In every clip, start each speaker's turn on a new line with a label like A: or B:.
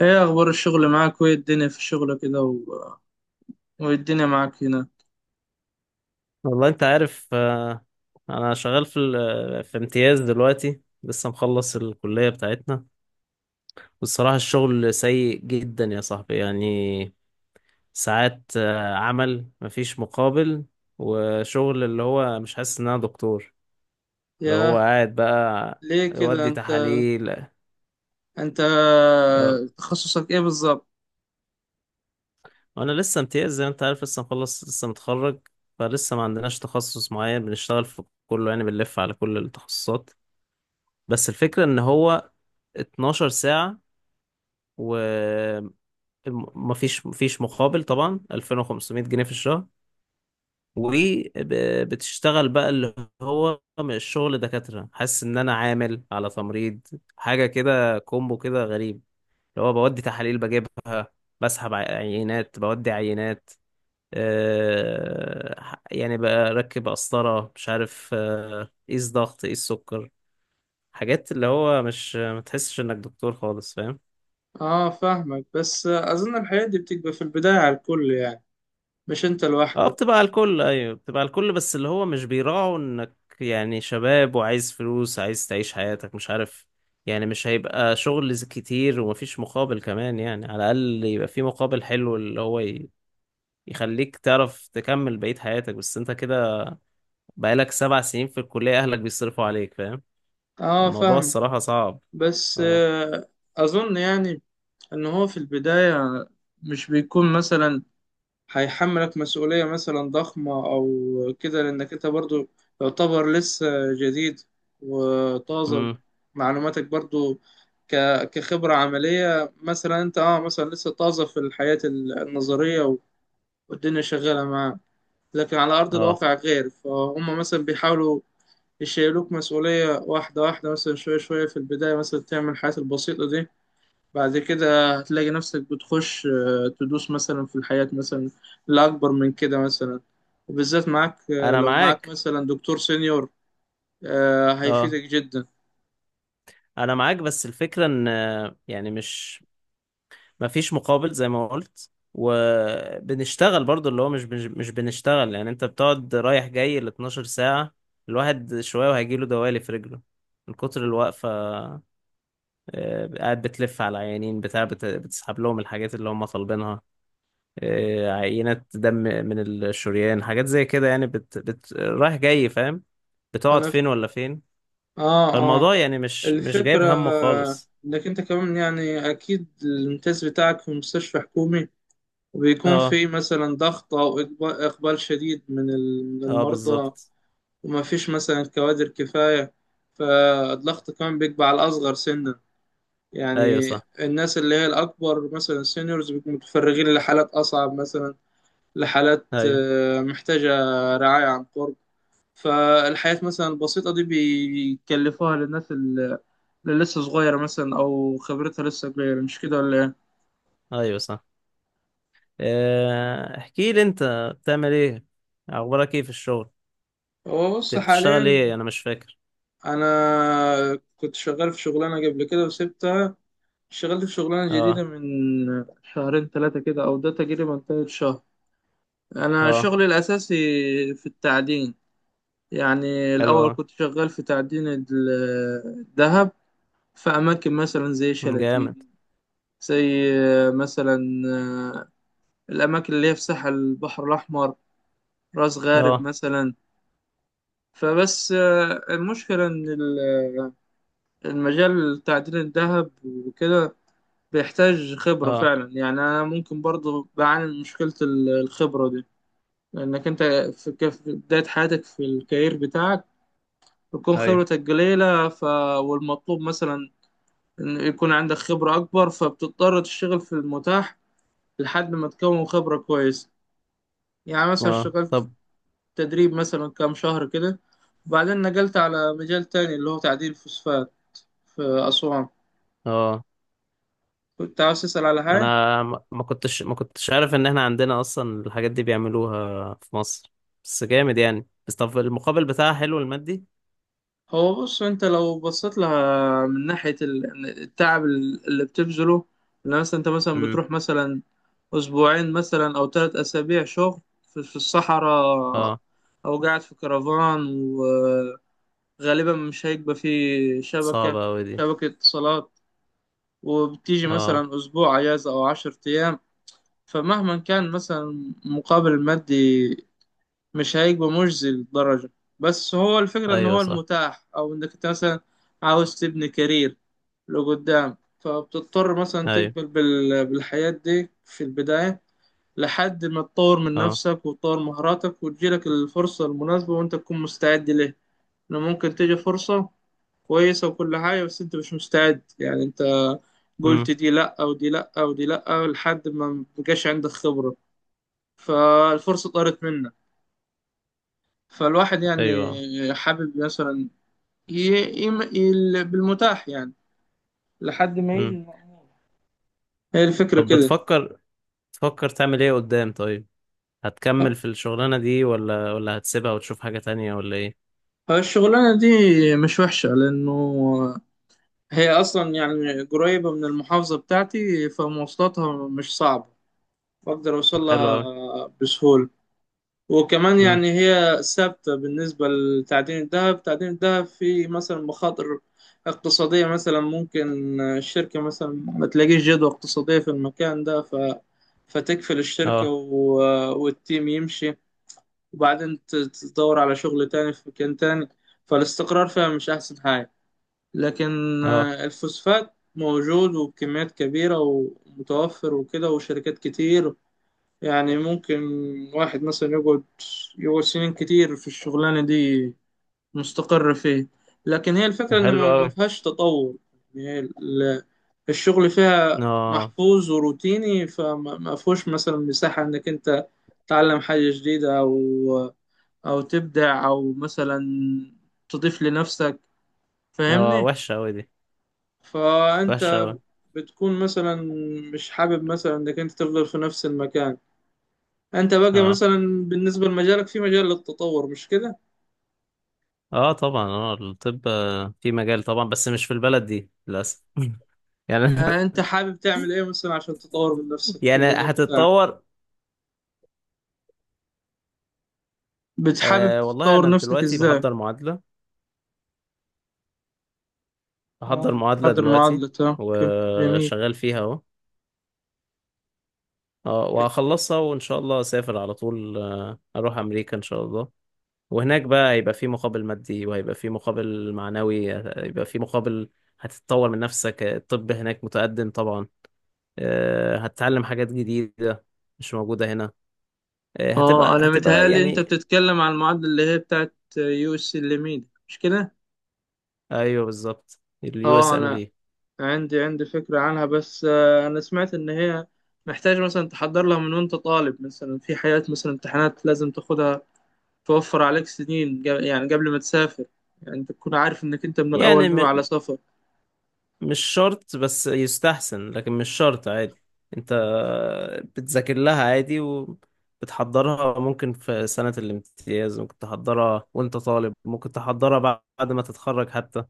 A: ايه اخبار الشغل معاك وايه الدنيا في الشغل كده وايه الدنيا معاك هنا.
B: والله انت عارف، انا شغال في امتياز دلوقتي، لسه مخلص الكلية بتاعتنا. والصراحة الشغل سيء جدا يا صاحبي، يعني ساعات عمل مفيش مقابل، وشغل اللي هو مش حاسس ان انا دكتور، اللي هو
A: ياه.
B: قاعد بقى
A: ليه كده
B: يودي
A: انت
B: تحاليل.
A: انت
B: اه،
A: تخصصك ايه بالظبط؟
B: وانا لسه امتياز زي ما انت عارف، لسه مخلص لسه متخرج، فلسه ما عندناش تخصص معين بنشتغل في كله، يعني بنلف على كل التخصصات. بس الفكرة ان هو 12 ساعة، ومفيش مفيش مقابل طبعا، 2500 جنيه في الشهر، وبتشتغل بقى اللي هو الشغل دكاترة، حاسس ان انا عامل على تمريض، حاجة كده كومبو كده غريب. اللي هو بودي تحاليل بجيبها، بسحب عينات، بودي عينات، يعني بركب قسطرة مش عارف، قيس ضغط قيس سكر، حاجات اللي هو مش ما تحسش انك دكتور خالص، فاهم.
A: اه فاهمك. بس اظن الحياة دي بتبقى في البداية على الكل، يعني مش انت
B: اه،
A: لوحدك.
B: بتبقى على الكل، ايوه بتبقى على الكل، بس اللي هو مش بيراعوا انك يعني شباب وعايز فلوس عايز تعيش حياتك مش عارف، يعني مش هيبقى شغل كتير ومفيش مقابل كمان، يعني على الاقل يبقى في مقابل حلو اللي هو يخليك تعرف تكمل بقية حياتك، بس انت كده بقالك 7 سنين في الكلية اهلك بيصرفوا عليك، فاهم.
A: اه
B: الموضوع
A: فاهمك.
B: الصراحة صعب.
A: بس
B: اه.
A: اظن يعني ان هو في البداية مش بيكون مثلا هيحملك مسؤولية مثلا ضخمة أو كده، لأنك أنت برضو يعتبر لسه جديد وطازة.
B: امم.
A: معلوماتك برضو كخبرة عملية مثلا، أنت مثلا لسه طازة في الحياة النظرية والدنيا شغالة معاك. لكن على أرض
B: اه،
A: الواقع غير، فهم مثلا بيحاولوا يشيلوك مسؤولية واحدة واحدة، مثلا شوية شوية في البداية، مثلا تعمل الحاجات البسيطة دي. بعد كده هتلاقي نفسك بتخش، تدوس مثلا في الحياة مثلا لأكبر من كده مثلا. وبالذات معاك،
B: انا
A: لو معاك
B: معاك.
A: مثلا دكتور سenior،
B: اه،
A: هيفيدك جدا.
B: انا معاك، بس الفكرة ان يعني مش مفيش مقابل زي ما قلت، وبنشتغل برضو اللي هو مش بنشتغل، يعني انت بتقعد رايح جاي ال 12 ساعة، الواحد شوية وهيجيله دوالي في رجله من كتر الوقفة. قاعد بتلف على عيانين بتاع، بتسحب لهم الحاجات اللي هم طالبينها، عينات دم من الشريان، حاجات زي كده يعني، رايح جاي فاهم، بتقعد
A: أنا ف...
B: فين ولا فين.
A: آه آه
B: فالموضوع يعني مش جايب
A: الفكرة،
B: همه خالص.
A: إنك أنت كمان، يعني أكيد الامتياز بتاعك في مستشفى حكومي. وبيكون
B: اه.
A: في مثلا ضغط أو إقبال شديد من من
B: اه،
A: المرضى.
B: بالظبط.
A: ومفيش مثلا كوادر كفاية، فالضغط كمان بيبقى على الأصغر سنا.
B: ايوه
A: يعني
B: صح.
A: الناس اللي هي الأكبر مثلا سينيورز بيكونوا متفرغين لحالات أصعب مثلا، لحالات
B: ايوه.
A: محتاجة رعاية عن قرب. فالحياة مثلا البسيطة دي بيكلفوها للناس اللي لسه صغيرة مثلا، أو خبرتها لسه كبيرة، مش كده ولا إيه؟
B: ايوه صح. احكي لي انت، بتعمل ايه، اخبارك ايه في الشغل،
A: هو بص
B: انت بتشتغل ايه
A: حاليا،
B: انا مش فاكر.
A: أنا كنت شغال في شغلانة قبل كده وسبتها. شغلت في شغلانة جديدة
B: اه.
A: من شهرين ثلاثة كده، أو ده تقريبا تالت شهر. أنا
B: اه
A: شغلي الأساسي في التعدين. يعني
B: حلو.
A: الأول
B: اه.
A: كنت شغال في تعدين الذهب في أماكن مثلا زي
B: مم، جامد.
A: شلاتين، زي مثلا آه، الأماكن اللي هي في ساحل البحر الأحمر، راس غارب
B: اه.
A: مثلا. فبس، المشكلة إن المجال تعدين الذهب وكده بيحتاج خبرة
B: اه.
A: فعلا. يعني أنا ممكن برضه بعاني من مشكلة الخبرة دي. لأنك أنت في في بداية حياتك في الكارير بتاعك بتكون
B: ايوه.
A: خبرتك قليلة. والمطلوب مثلا إن يكون عندك خبرة أكبر، فبتضطر تشتغل في المتاح لحد ما تكون خبرة كويسة. يعني مثلا
B: اه.
A: اشتغلت
B: طب.
A: تدريب مثلا كام شهر كده، وبعدين نقلت على مجال تاني اللي هو تعديل فوسفات في أسوان.
B: اه،
A: كنت عاوز تسأل على حاجة؟
B: انا ما كنتش عارف ان احنا عندنا اصلا الحاجات دي بيعملوها في مصر، بس جامد يعني، بس طب المقابل بتاعها حلو المادي.
A: هو بص، أنت لو بصيت لها من ناحية التعب اللي بتبذله. إن مثلا أنت مثلا
B: امم.
A: بتروح مثلا أسبوعين مثلا، أو 3 أسابيع شغل في الصحراء،
B: اه،
A: أو قاعد في كرفان. غالبا مش هيبقى فيه
B: صعبة اوي دي.
A: شبكة اتصالات. وبتيجي
B: اه.
A: مثلا أسبوع أجازة أو 10 أيام. فمهما كان مثلا مقابل مادي، مش هيبقى مجزي للدرجة. بس هو الفكرة إن
B: ايوه
A: هو
B: صح.
A: المتاح، أو إنك أنت مثلا عاوز تبني كارير لقدام، فبتضطر مثلا
B: ايوه.
A: تقبل بالحياة دي في البداية. لحد ما تطور من
B: اه.
A: نفسك وتطور مهاراتك وتجيلك الفرصة المناسبة وأنت تكون مستعد ليه. إنه ممكن تيجي فرصة كويسة وكل حاجة، بس أنت مش مستعد، يعني أنت قلت
B: امم.
A: دي لأ ودي لأ ودي لأ لحد ما مبقاش عندك خبرة، فالفرصة طارت منك. فالواحد
B: ايوه.
A: يعني حابب مثلا ي... ي... بالمتاح، يعني لحد ما يجي
B: امم.
A: المأمول. هي الفكرة
B: طب،
A: كده.
B: بتفكر تعمل ايه قدام طيب، هتكمل في الشغلانة دي ولا هتسيبها وتشوف حاجة تانية ولا ايه؟
A: الشغلانة دي مش وحشة، لأنه هي أصلا يعني قريبة من المحافظة بتاعتي، فمواصلاتها مش صعبة، بقدر
B: طب حلو اوي.
A: أوصلها بسهولة. وكمان
B: امم.
A: يعني هي ثابتة. بالنسبة لتعدين الذهب، تعدين الذهب في مثلا مخاطر اقتصادية مثلا، ممكن الشركة مثلا ما تلاقيش جدوى اقتصادية في المكان ده، فتقفل الشركة،
B: اه.
A: والتيم يمشي. وبعدين تدور على شغل تاني في مكان تاني. فالاستقرار فيها مش أحسن حاجة. لكن
B: اه،
A: الفوسفات موجود وبكميات كبيرة ومتوفر وكده، وشركات كتير. يعني ممكن واحد مثلا يقعد، سنين كتير في الشغلانة دي، مستقر فيه. لكن هي
B: طب
A: الفكرة إن
B: حلو
A: ما
B: اوي.
A: فيهاش تطور. يعني هي الشغل فيها
B: اه.
A: محفوظ وروتيني، فما ما فيهوش مثلا مساحة إنك أنت تتعلم حاجة جديدة، أو تبدع، أو مثلا تضيف لنفسك.
B: اه،
A: فاهمني؟
B: وحشة اوي دي، وحشة
A: فأنت
B: اوي.
A: بتكون مثلا مش حابب مثلا إنك أنت تفضل في نفس المكان. انت بقى
B: اه.
A: مثلا بالنسبة لمجالك في مجال للتطور، مش كده؟
B: اه طبعا، اه الطب، في مجال طبعا، بس مش في البلد دي للأسف يعني.
A: انت حابب تعمل ايه مثلا عشان تطور من نفسك في
B: يعني
A: المجال بتاعك؟
B: هتتطور.
A: بتحابب
B: والله
A: تطور
B: انا
A: نفسك
B: دلوقتي
A: ازاي؟
B: بحضر
A: اه
B: معادلة
A: بتحضر
B: دلوقتي
A: معادلة، اوكي جميل.
B: وشغال فيها اهو. اه، وهخلصها وان شاء الله اسافر على طول، اروح امريكا ان شاء الله. وهناك بقى هيبقى في مقابل مادي، وهيبقى في مقابل معنوي، هيبقى في مقابل هتتطور من نفسك، الطب هناك متقدم طبعا، هتتعلم حاجات جديدة مش موجودة هنا، هتبقى
A: اه انا
B: هتبقى
A: متهيألي انت
B: يعني.
A: بتتكلم عن المعادلة اللي هي بتاعت يو اس الليميد، مش كده؟
B: ايوه بالظبط، اليو اس
A: اه
B: ام
A: انا
B: ال.
A: عندي فكرة عنها، بس انا سمعت ان هي محتاج مثلا تحضر لها من وانت طالب، مثلا في حاجات مثلا امتحانات لازم تاخدها توفر عليك سنين يعني قبل ما تسافر. يعني انت تكون عارف انك انت من الاول
B: يعني
A: ناوي على سفر.
B: مش شرط، بس يستحسن، لكن مش شرط عادي. انت بتذاكر لها عادي، وبتحضرها، ممكن في سنة الامتياز، ممكن تحضرها وانت طالب، ممكن تحضرها بعد ما تتخرج حتى،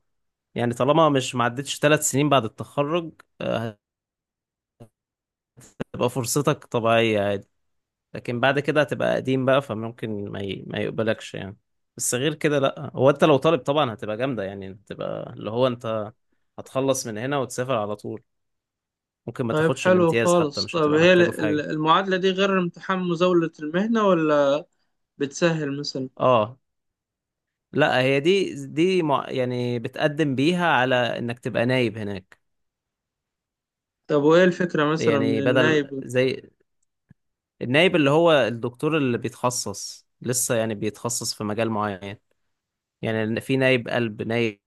B: يعني طالما مش معدتش 3 سنين بعد التخرج، آه، هتبقى فرصتك طبيعية عادي. لكن بعد كده هتبقى قديم بقى، فممكن ما يقبلكش يعني. بس غير كده لأ، هو انت لو طالب طبعا هتبقى جامدة، يعني هتبقى اللي هو انت هتخلص من هنا وتسافر على طول، ممكن ما
A: طيب
B: تاخدش
A: حلو
B: الامتياز حتى
A: خالص.
B: مش
A: طب
B: هتبقى
A: هي
B: محتاجه في حاجة.
A: المعادلة دي غير امتحان مزاولة المهنة، ولا بتسهل مثلا؟
B: اه لا، هي دي، يعني بتقدم بيها على انك تبقى نايب هناك.
A: طب وايه الفكرة مثلا من
B: يعني بدل
A: النايب؟
B: زي النايب اللي هو الدكتور اللي بيتخصص، لسه يعني بيتخصص في مجال معين، يعني في نايب قلب، نايب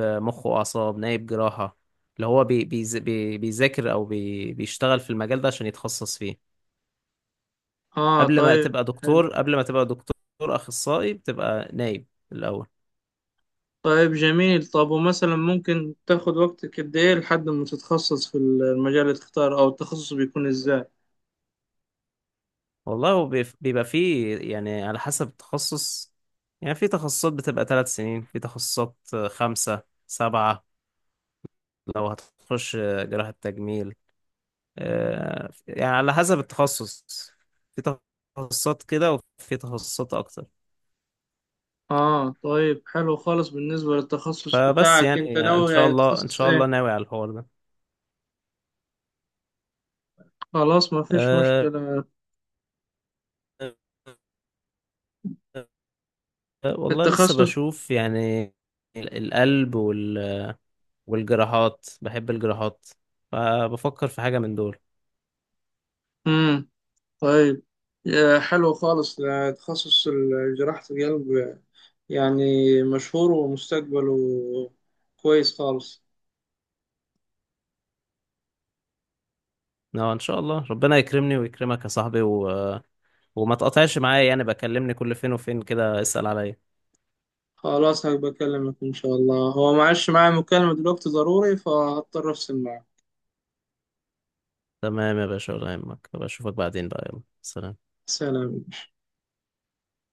B: مخ وأعصاب، نايب جراحة، اللي هو بي بيز- بي بيذاكر أو بيشتغل في المجال ده عشان يتخصص فيه.
A: اه طيب حلو.
B: قبل ما تبقى دكتور أخصائي، بتبقى نايب الأول.
A: طيب جميل. طب ومثلا ممكن تاخد وقتك قد ايه لحد ما تتخصص في المجال اللي تختاره، او التخصص بيكون ازاي؟
B: والله هو بيبقى فيه، يعني على حسب التخصص، يعني في تخصصات بتبقى 3 سنين، في تخصصات 5 7، لو هتخش جراحة تجميل، يعني على حسب التخصص، في تخصصات كده وفي تخصصات اكتر.
A: اه طيب حلو خالص. بالنسبة للتخصص
B: فبس
A: بتاعك، انت
B: يعني، ان
A: ناوي
B: شاء
A: يعني
B: الله ان
A: تخصص
B: شاء الله
A: ايه؟
B: ناوي على الحوار ده.
A: خلاص، ما فيش
B: أه.
A: مشكلة.
B: والله لسه
A: التخصص.
B: بشوف يعني، القلب والجراحات، بحب الجراحات، فبفكر في حاجة من دول.
A: امم طيب، حلو خالص. تخصص جراحة القلب، يعني مشهور ومستقبله كويس خالص.
B: اه، ان شاء الله ربنا يكرمني ويكرمك يا صاحبي وما تقطعش معايا يعني، بكلمني كل فين وفين كده اسأل عليا.
A: خلاص هبقى أكلمك إن شاء الله. هو معلش معايا مكالمة دلوقتي ضروري فهضطر أفصل معاك.
B: تمام يا باشا، ولا يهمك، بشوفك بعدين بقى، يلا سلام.
A: سلام.